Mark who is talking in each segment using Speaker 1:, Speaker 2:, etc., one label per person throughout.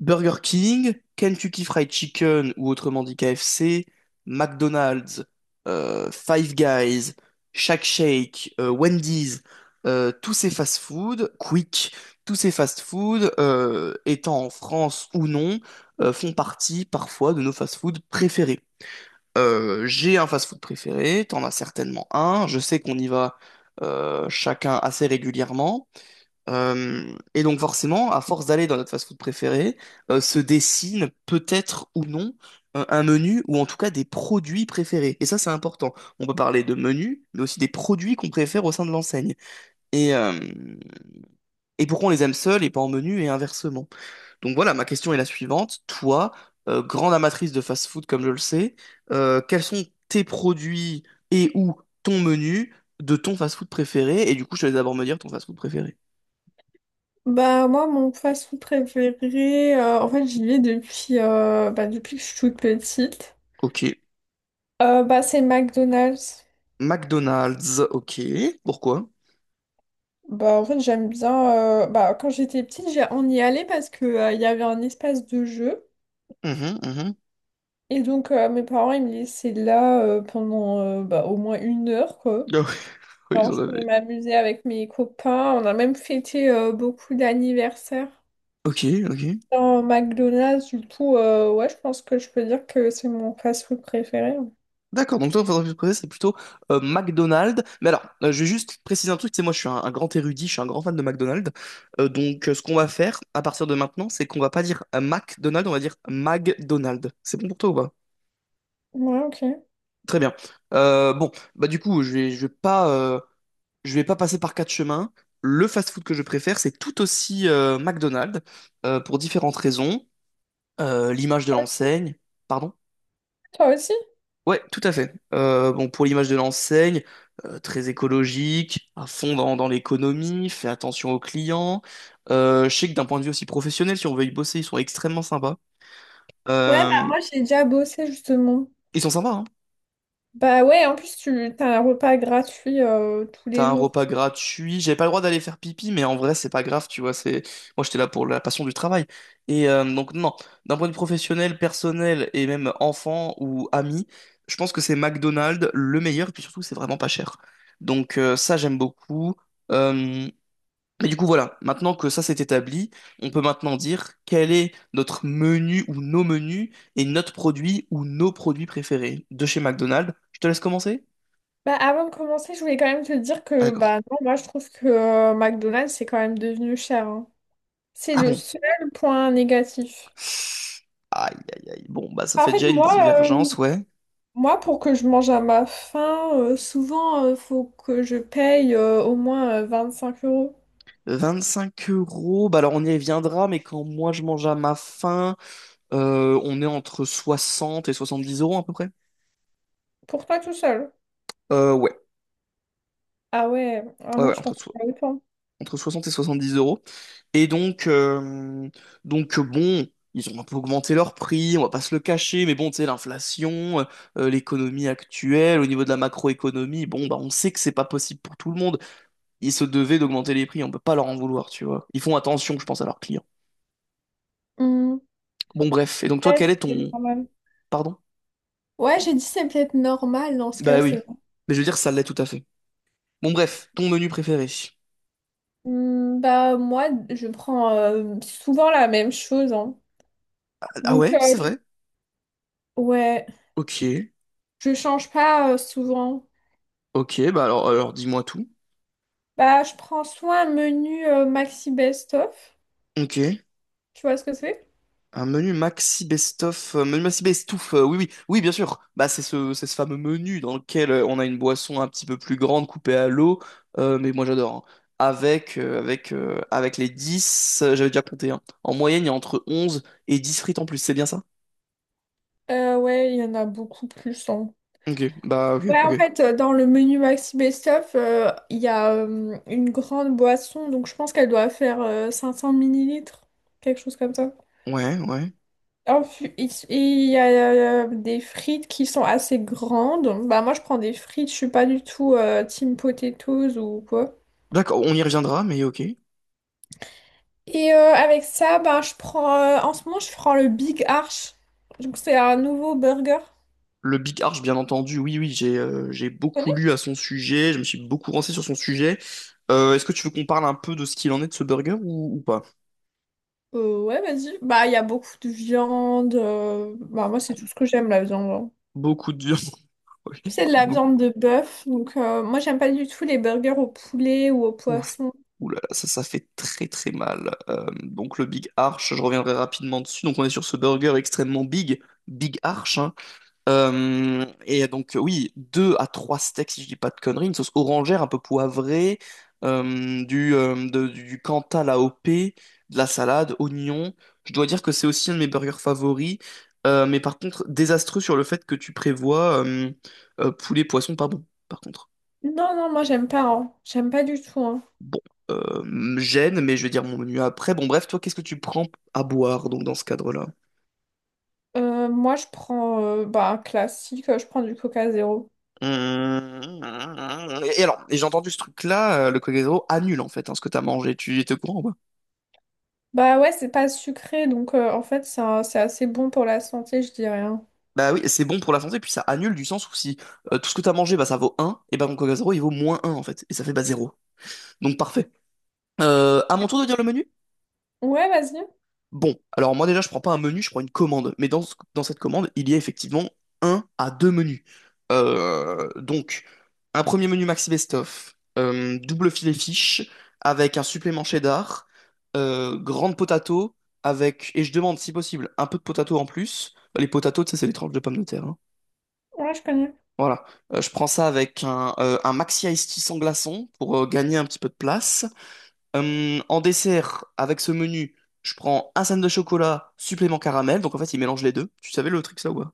Speaker 1: Burger King, Kentucky Fried Chicken ou autrement dit KFC, McDonald's, Five Guys, Shake Shake, Wendy's, tous ces fast-food, Quick, tous ces fast-food, étant en France ou non, font partie parfois de nos fast-food préférés. J'ai un fast-food préféré, t'en as certainement un, je sais qu'on y va chacun assez régulièrement. Et donc forcément, à force d'aller dans notre fast-food préféré, se dessine peut-être ou non un menu ou en tout cas des produits préférés. Et ça, c'est important. On peut parler de menus, mais aussi des produits qu'on préfère au sein de l'enseigne. Et, euh, et pourquoi on les aime seuls et pas en menu et inversement. Donc voilà, ma question est la suivante. Toi, grande amatrice de fast-food comme je le sais, quels sont tes produits et ou ton menu de ton fast-food préféré? Et du coup, je te laisse d'abord me dire ton fast-food préféré.
Speaker 2: Moi mon fast-food préféré, en fait j'y vais depuis, depuis que je suis toute petite.
Speaker 1: Ok.
Speaker 2: C'est McDonald's.
Speaker 1: McDonald's, ok. Pourquoi?
Speaker 2: En fait j'aime bien, quand j'étais petite on y allait parce que il y avait un espace de jeu
Speaker 1: Mhm, mhm.
Speaker 2: et donc mes parents ils me laissaient là pendant au moins une heure quoi.
Speaker 1: Ah oui, oui, ils
Speaker 2: Alors
Speaker 1: en
Speaker 2: je pouvais
Speaker 1: avaient.
Speaker 2: m'amuser avec mes copains, on a même fêté beaucoup d'anniversaires.
Speaker 1: Ok, ok.
Speaker 2: Dans McDonald's du coup ouais je pense que je peux dire que c'est mon fast-food préféré, hein.
Speaker 1: D'accord, donc toi, ton entreprise préférée, c'est plutôt McDonald's. Mais alors, je vais juste préciser un truc, c'est moi, je suis un grand érudit, je suis un grand fan de McDonald's. Donc ce qu'on va faire à partir de maintenant, c'est qu'on va pas dire McDonald's, on va dire McDonald's. C'est bon pour toi ou pas?
Speaker 2: Ouais, ok.
Speaker 1: Très bien. Bon, bah du coup, je vais pas passer par quatre chemins. Le fast-food que je préfère, c'est tout aussi McDonald's pour différentes raisons. L'image de l'enseigne, pardon?
Speaker 2: Toi aussi?
Speaker 1: Ouais, tout à fait. Bon, pour l'image de l'enseigne, très écologique, à fond dans l'économie, fait attention aux clients. Je sais que d'un point de vue aussi professionnel, si on veut y bosser, ils sont extrêmement sympas.
Speaker 2: Ouais, bah
Speaker 1: Euh,
Speaker 2: moi j'ai déjà bossé justement.
Speaker 1: Ils sont sympas, hein.
Speaker 2: Bah ouais, en plus tu t'as un repas gratuit tous
Speaker 1: T'as
Speaker 2: les
Speaker 1: un
Speaker 2: jours.
Speaker 1: repas gratuit. J'avais pas le droit d'aller faire pipi, mais en vrai, c'est pas grave, tu vois. C'est moi, j'étais là pour la passion du travail. Et donc non, d'un point de vue professionnel, personnel et même enfant ou ami, je pense que c'est McDonald's le meilleur. Et puis surtout, c'est vraiment pas cher. Donc ça, j'aime beaucoup. Euh, Mais du coup, voilà. Maintenant que ça s'est établi, on peut maintenant dire quel est notre menu ou nos menus et notre produit ou nos produits préférés de chez McDonald's. Je te laisse commencer?
Speaker 2: Bah avant de commencer, je voulais quand même te dire
Speaker 1: Ah,
Speaker 2: que
Speaker 1: d'accord.
Speaker 2: bah non, moi je trouve que McDonald's c'est quand même devenu cher, hein. C'est
Speaker 1: Ah
Speaker 2: le
Speaker 1: bon,
Speaker 2: seul point négatif.
Speaker 1: aïe, aïe, aïe. Bon, bah ça
Speaker 2: Bah, en
Speaker 1: fait
Speaker 2: fait,
Speaker 1: déjà une
Speaker 2: moi, euh,
Speaker 1: divergence, ouais.
Speaker 2: moi pour que je mange à ma faim, souvent faut que je paye au moins 25 euros.
Speaker 1: 25 euros, bah alors on y reviendra, mais quand moi je mange à ma faim, on est entre 60 et 70 euros à peu près.
Speaker 2: Pour toi tout seul.
Speaker 1: Ouais,
Speaker 2: Ah ouais, ah
Speaker 1: ouais,
Speaker 2: non,
Speaker 1: ouais,
Speaker 2: je pense pas autant.
Speaker 1: entre 60 et 70 euros. Et donc, bon, ils ont un peu augmenté leur prix, on va pas se le cacher, mais bon, tu sais, l'inflation, l'économie actuelle, au niveau de la macroéconomie, bon, bah on sait que c'est pas possible pour tout le monde. Ils se devaient d'augmenter les prix, on peut pas leur en vouloir, tu vois. Ils font attention, je pense, à leurs clients.
Speaker 2: Hmm.
Speaker 1: Bon, bref. Et donc, toi,
Speaker 2: Ouais,
Speaker 1: quel est
Speaker 2: c'est
Speaker 1: ton...
Speaker 2: normal.
Speaker 1: Pardon?
Speaker 2: Ouais, j'ai dit c'est peut-être normal dans ce
Speaker 1: Bah
Speaker 2: cas,
Speaker 1: oui.
Speaker 2: c'est...
Speaker 1: Mais je veux dire, ça l'est tout à fait. Bon, bref, ton menu préféré.
Speaker 2: Hmm, bah moi, je prends souvent la même chose, hein.
Speaker 1: Ah
Speaker 2: Donc
Speaker 1: ouais,
Speaker 2: euh,
Speaker 1: c'est vrai.
Speaker 2: ouais,
Speaker 1: Ok,
Speaker 2: je change pas souvent.
Speaker 1: ok, bah alors dis-moi tout.
Speaker 2: Bah je prends soit un menu maxi best-of.
Speaker 1: Ok.
Speaker 2: Tu vois ce que c'est?
Speaker 1: Un menu maxi best-of, menu maxi best-off, oui, oui, oui, bien sûr. Bah, c'est ce fameux menu dans lequel on a une boisson un petit peu plus grande coupée à l'eau, mais moi j'adore, hein. Avec les 10, j'avais déjà compté, hein. En moyenne, il y a entre 11 et 10 frites en plus, c'est bien ça?
Speaker 2: Ouais, il y en a beaucoup plus, hein.
Speaker 1: Ok, bah, ok,
Speaker 2: Ouais, en
Speaker 1: ok.
Speaker 2: fait, dans le menu maxi best-of, il y a une grande boisson. Donc je pense qu'elle doit faire 500 millilitres, quelque chose comme ça.
Speaker 1: Ouais, ouais.
Speaker 2: Il y a des frites qui sont assez grandes. Bah moi je prends des frites, je suis pas du tout team potatoes ou quoi.
Speaker 1: D'accord, on y reviendra, mais ok.
Speaker 2: Et avec ça, bah, je prends en ce moment je prends le Big Arch. Donc c'est un nouveau burger.
Speaker 1: Le Big Arch, bien entendu, oui, oui, j'ai
Speaker 2: Tu
Speaker 1: beaucoup
Speaker 2: connais?
Speaker 1: lu à son sujet, je me suis beaucoup renseigné sur son sujet. Est-ce que tu veux qu'on parle un peu de ce qu'il en est de ce burger ou pas?
Speaker 2: Ouais, vas-y. Bah il y a beaucoup de viande. Bah moi c'est tout ce que j'aime la viande, hein.
Speaker 1: Beaucoup de. Oui,
Speaker 2: C'est de la
Speaker 1: beaucoup.
Speaker 2: viande de bœuf. Donc moi j'aime pas du tout les burgers au poulet ou au
Speaker 1: Ouh là
Speaker 2: poisson.
Speaker 1: là, ça fait très très mal. Donc le Big Arch, je reviendrai rapidement dessus. Donc on est sur ce burger extrêmement big, Big Arch, hein. Et donc, oui, deux à trois steaks si je dis pas de conneries, une sauce orangère un peu poivrée, du Cantal AOP, de la salade, oignons. Je dois dire que c'est aussi un de mes burgers favoris. Mais par contre, désastreux sur le fait que tu prévois poulet poisson pas bon, par contre.
Speaker 2: Non, non, moi j'aime pas, hein. J'aime pas du tout, hein.
Speaker 1: Bon, me gêne, mais je vais dire mon menu après. Bon, bref, toi, qu'est-ce que tu prends à boire, donc, dans ce cadre-là?
Speaker 2: Moi, je prends un classique, je prends du Coca Zéro.
Speaker 1: Mmh. Et alors, et j'ai entendu ce truc-là, le Coca-Zéro annule, en fait, hein, ce que t'as mangé. Tu étais au courant ou pas?
Speaker 2: Bah ouais, c'est pas sucré, donc en fait, c'est assez bon pour la santé, je dirais, hein.
Speaker 1: Bah oui, c'est bon pour la santé, puis ça annule du sens où si tout ce que t'as mangé, bah ça vaut un et bah mon Coca-Zéro, il vaut moins un en fait. Et ça fait bah zéro. Donc parfait. À mon tour de dire le menu?
Speaker 2: Ouais, vas-y.
Speaker 1: Bon, alors moi déjà, je prends pas un menu, je prends une commande. Mais dans cette commande, il y a effectivement un à deux menus. Euh, donc, un premier menu Maxi Best Of, double filet fish avec un supplément cheddar, grande potato avec, et je demande si possible, un peu de potato en plus. Les potatoes, tu sais, c'est les tranches de pommes de terre, hein.
Speaker 2: Ouais, je connais.
Speaker 1: Voilà. Je prends ça avec un Maxi Ice Tea sans glaçon pour gagner un petit peu de place. En dessert, avec ce menu, je prends un sandwich de chocolat, supplément caramel. Donc en fait, il mélange les deux. Tu savais le truc ça ou pas?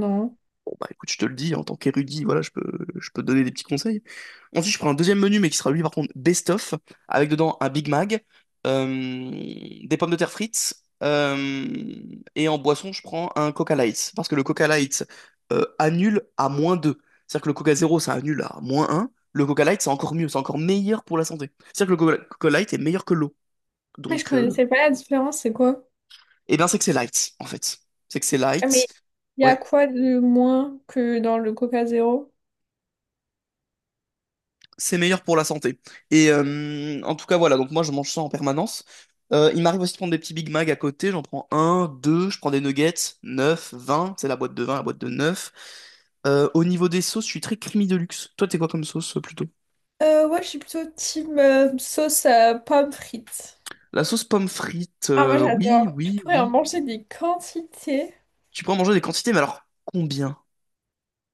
Speaker 2: Non.
Speaker 1: Bon bah écoute, je te le dis, en tant qu'érudit, voilà, je peux te donner des petits conseils. Ensuite, je prends un deuxième menu, mais qui sera lui par contre best-of, avec dedans un Big Mac, euh, des pommes de terre frites, euh, et en boisson, je prends un Coca Light. Parce que le Coca Light annule à moins 2. C'est-à-dire que le Coca Zéro, ça annule à moins un. Le Coca Light, c'est encore mieux, c'est encore meilleur pour la santé. C'est-à-dire que le Coca Light est meilleur que l'eau.
Speaker 2: Mais je
Speaker 1: Donc,
Speaker 2: connaissais pas la différence, c'est quoi?
Speaker 1: eh bien, c'est que c'est light, en fait. C'est que c'est
Speaker 2: Ah,
Speaker 1: light.
Speaker 2: mais il y a
Speaker 1: Ouais,
Speaker 2: quoi de moins que dans le Coca Zéro?
Speaker 1: c'est meilleur pour la santé. Et en tout cas, voilà. Donc, moi, je mange ça en permanence. Il m'arrive aussi de prendre des petits Big Mac à côté. J'en prends un, deux. Je prends des nuggets, neuf, 20. C'est la boîte de 20, la boîte de neuf. Au niveau des sauces, je suis très creamy de luxe. Toi, t'es quoi comme sauce plutôt?
Speaker 2: Ouais, je suis plutôt team sauce pomme frites.
Speaker 1: La sauce pomme frite,
Speaker 2: Ah, moi,
Speaker 1: oui,
Speaker 2: j'adore. Je
Speaker 1: oui,
Speaker 2: pourrais en
Speaker 1: oui.
Speaker 2: manger des quantités.
Speaker 1: Tu peux en manger des quantités, mais alors combien?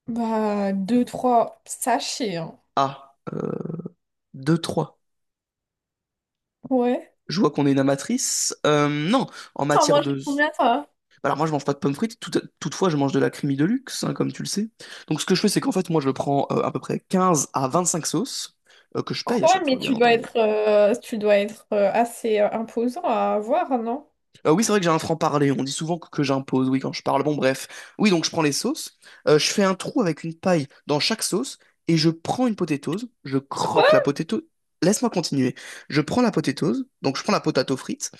Speaker 2: Bah, deux, trois sachets, hein.
Speaker 1: Ah, 2 trois.
Speaker 2: Ouais.
Speaker 1: Je vois qu'on est une amatrice. Non, en
Speaker 2: T'en
Speaker 1: matière
Speaker 2: manges
Speaker 1: de...
Speaker 2: combien, toi?
Speaker 1: Alors moi je mange pas de pommes frites, toutefois je mange de la creamy de luxe, hein, comme tu le sais. Donc ce que je fais c'est qu'en fait moi je prends à peu près 15 à 25 sauces que je paye à
Speaker 2: Quoi?
Speaker 1: chaque
Speaker 2: Mais
Speaker 1: fois bien entendu.
Speaker 2: tu dois être assez imposant à avoir, non?
Speaker 1: Oui c'est vrai que j'ai un franc-parler, on dit souvent que j'impose, oui quand je parle, bon bref. Oui donc je prends les sauces, je fais un trou avec une paille dans chaque sauce et je prends une potatoes, je
Speaker 2: Quoi?
Speaker 1: croque la potatoes. Laisse-moi continuer. Je prends la potatoes, donc je prends la potato frite,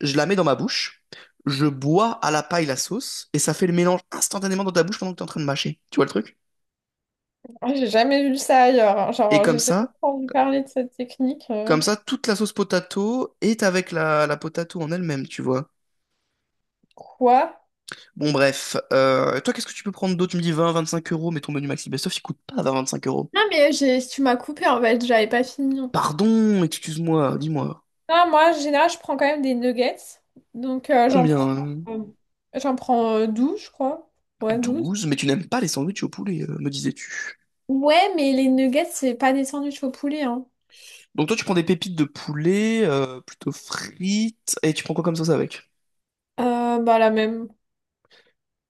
Speaker 1: je la mets dans ma bouche, je bois à la paille la sauce et ça fait le mélange instantanément dans ta bouche pendant que tu es en train de mâcher. Tu vois le truc?
Speaker 2: Ah, j'ai jamais vu ça ailleurs, hein.
Speaker 1: Et
Speaker 2: Genre, j'ai jamais entendu parler de cette technique.
Speaker 1: comme ça, toute la sauce potato est avec la potato en elle-même, tu vois.
Speaker 2: Quoi?
Speaker 1: Bon, bref. Toi, qu'est-ce que tu peux prendre d'autre? Tu me dis 20, 25 euros, mais ton menu Maxi Best-of, il coûte pas 20, 25 euros.
Speaker 2: Non, tu m'as coupé en fait, j'avais pas fini. Non,
Speaker 1: Pardon, excuse-moi, dis-moi.
Speaker 2: moi, en général, je prends quand même des nuggets. Donc, euh, j'en
Speaker 1: Combien?
Speaker 2: prends, euh, j'en prends 12, je crois. Ouais, douze.
Speaker 1: 12, mais tu n'aimes pas les sandwichs au poulet, me disais-tu.
Speaker 2: Ouais, mais les nuggets, c'est pas des sandwichs au poulet, hein.
Speaker 1: Donc toi, tu prends des pépites de poulet, plutôt frites, et tu prends quoi comme sauce avec?
Speaker 2: Bah, la même.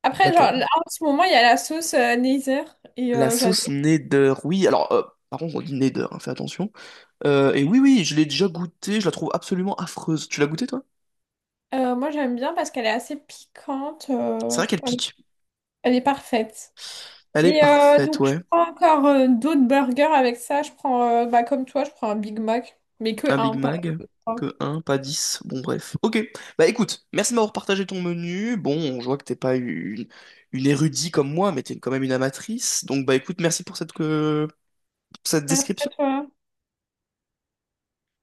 Speaker 2: Après, genre,
Speaker 1: Laquelle?
Speaker 2: là, en ce moment, il y a la sauce Nether et
Speaker 1: La sauce
Speaker 2: j'adore.
Speaker 1: Neder, oui. Alors, par contre, on dit Neder, hein, fais attention. Et oui, oui, je l'ai déjà goûtée, je la trouve absolument affreuse. Tu l'as goûtée, toi?
Speaker 2: Moi, j'aime bien parce qu'elle est assez piquante.
Speaker 1: C'est
Speaker 2: euh,
Speaker 1: vrai qu'elle
Speaker 2: elle
Speaker 1: pique.
Speaker 2: elle est parfaite.
Speaker 1: Elle est
Speaker 2: Et
Speaker 1: parfaite,
Speaker 2: donc, je
Speaker 1: ouais.
Speaker 2: prends encore d'autres burgers avec ça. Comme toi, je prends un Big Mac, mais que
Speaker 1: Un Big
Speaker 2: un par
Speaker 1: Mac,
Speaker 2: fois.
Speaker 1: que un, pas 10. Bon, bref. Ok. Bah écoute, merci de m'avoir partagé ton menu. Bon, je vois que t'es pas une érudite comme moi, mais t'es quand même une amatrice. Donc bah écoute, merci pour cette, cette
Speaker 2: Merci à
Speaker 1: description.
Speaker 2: toi.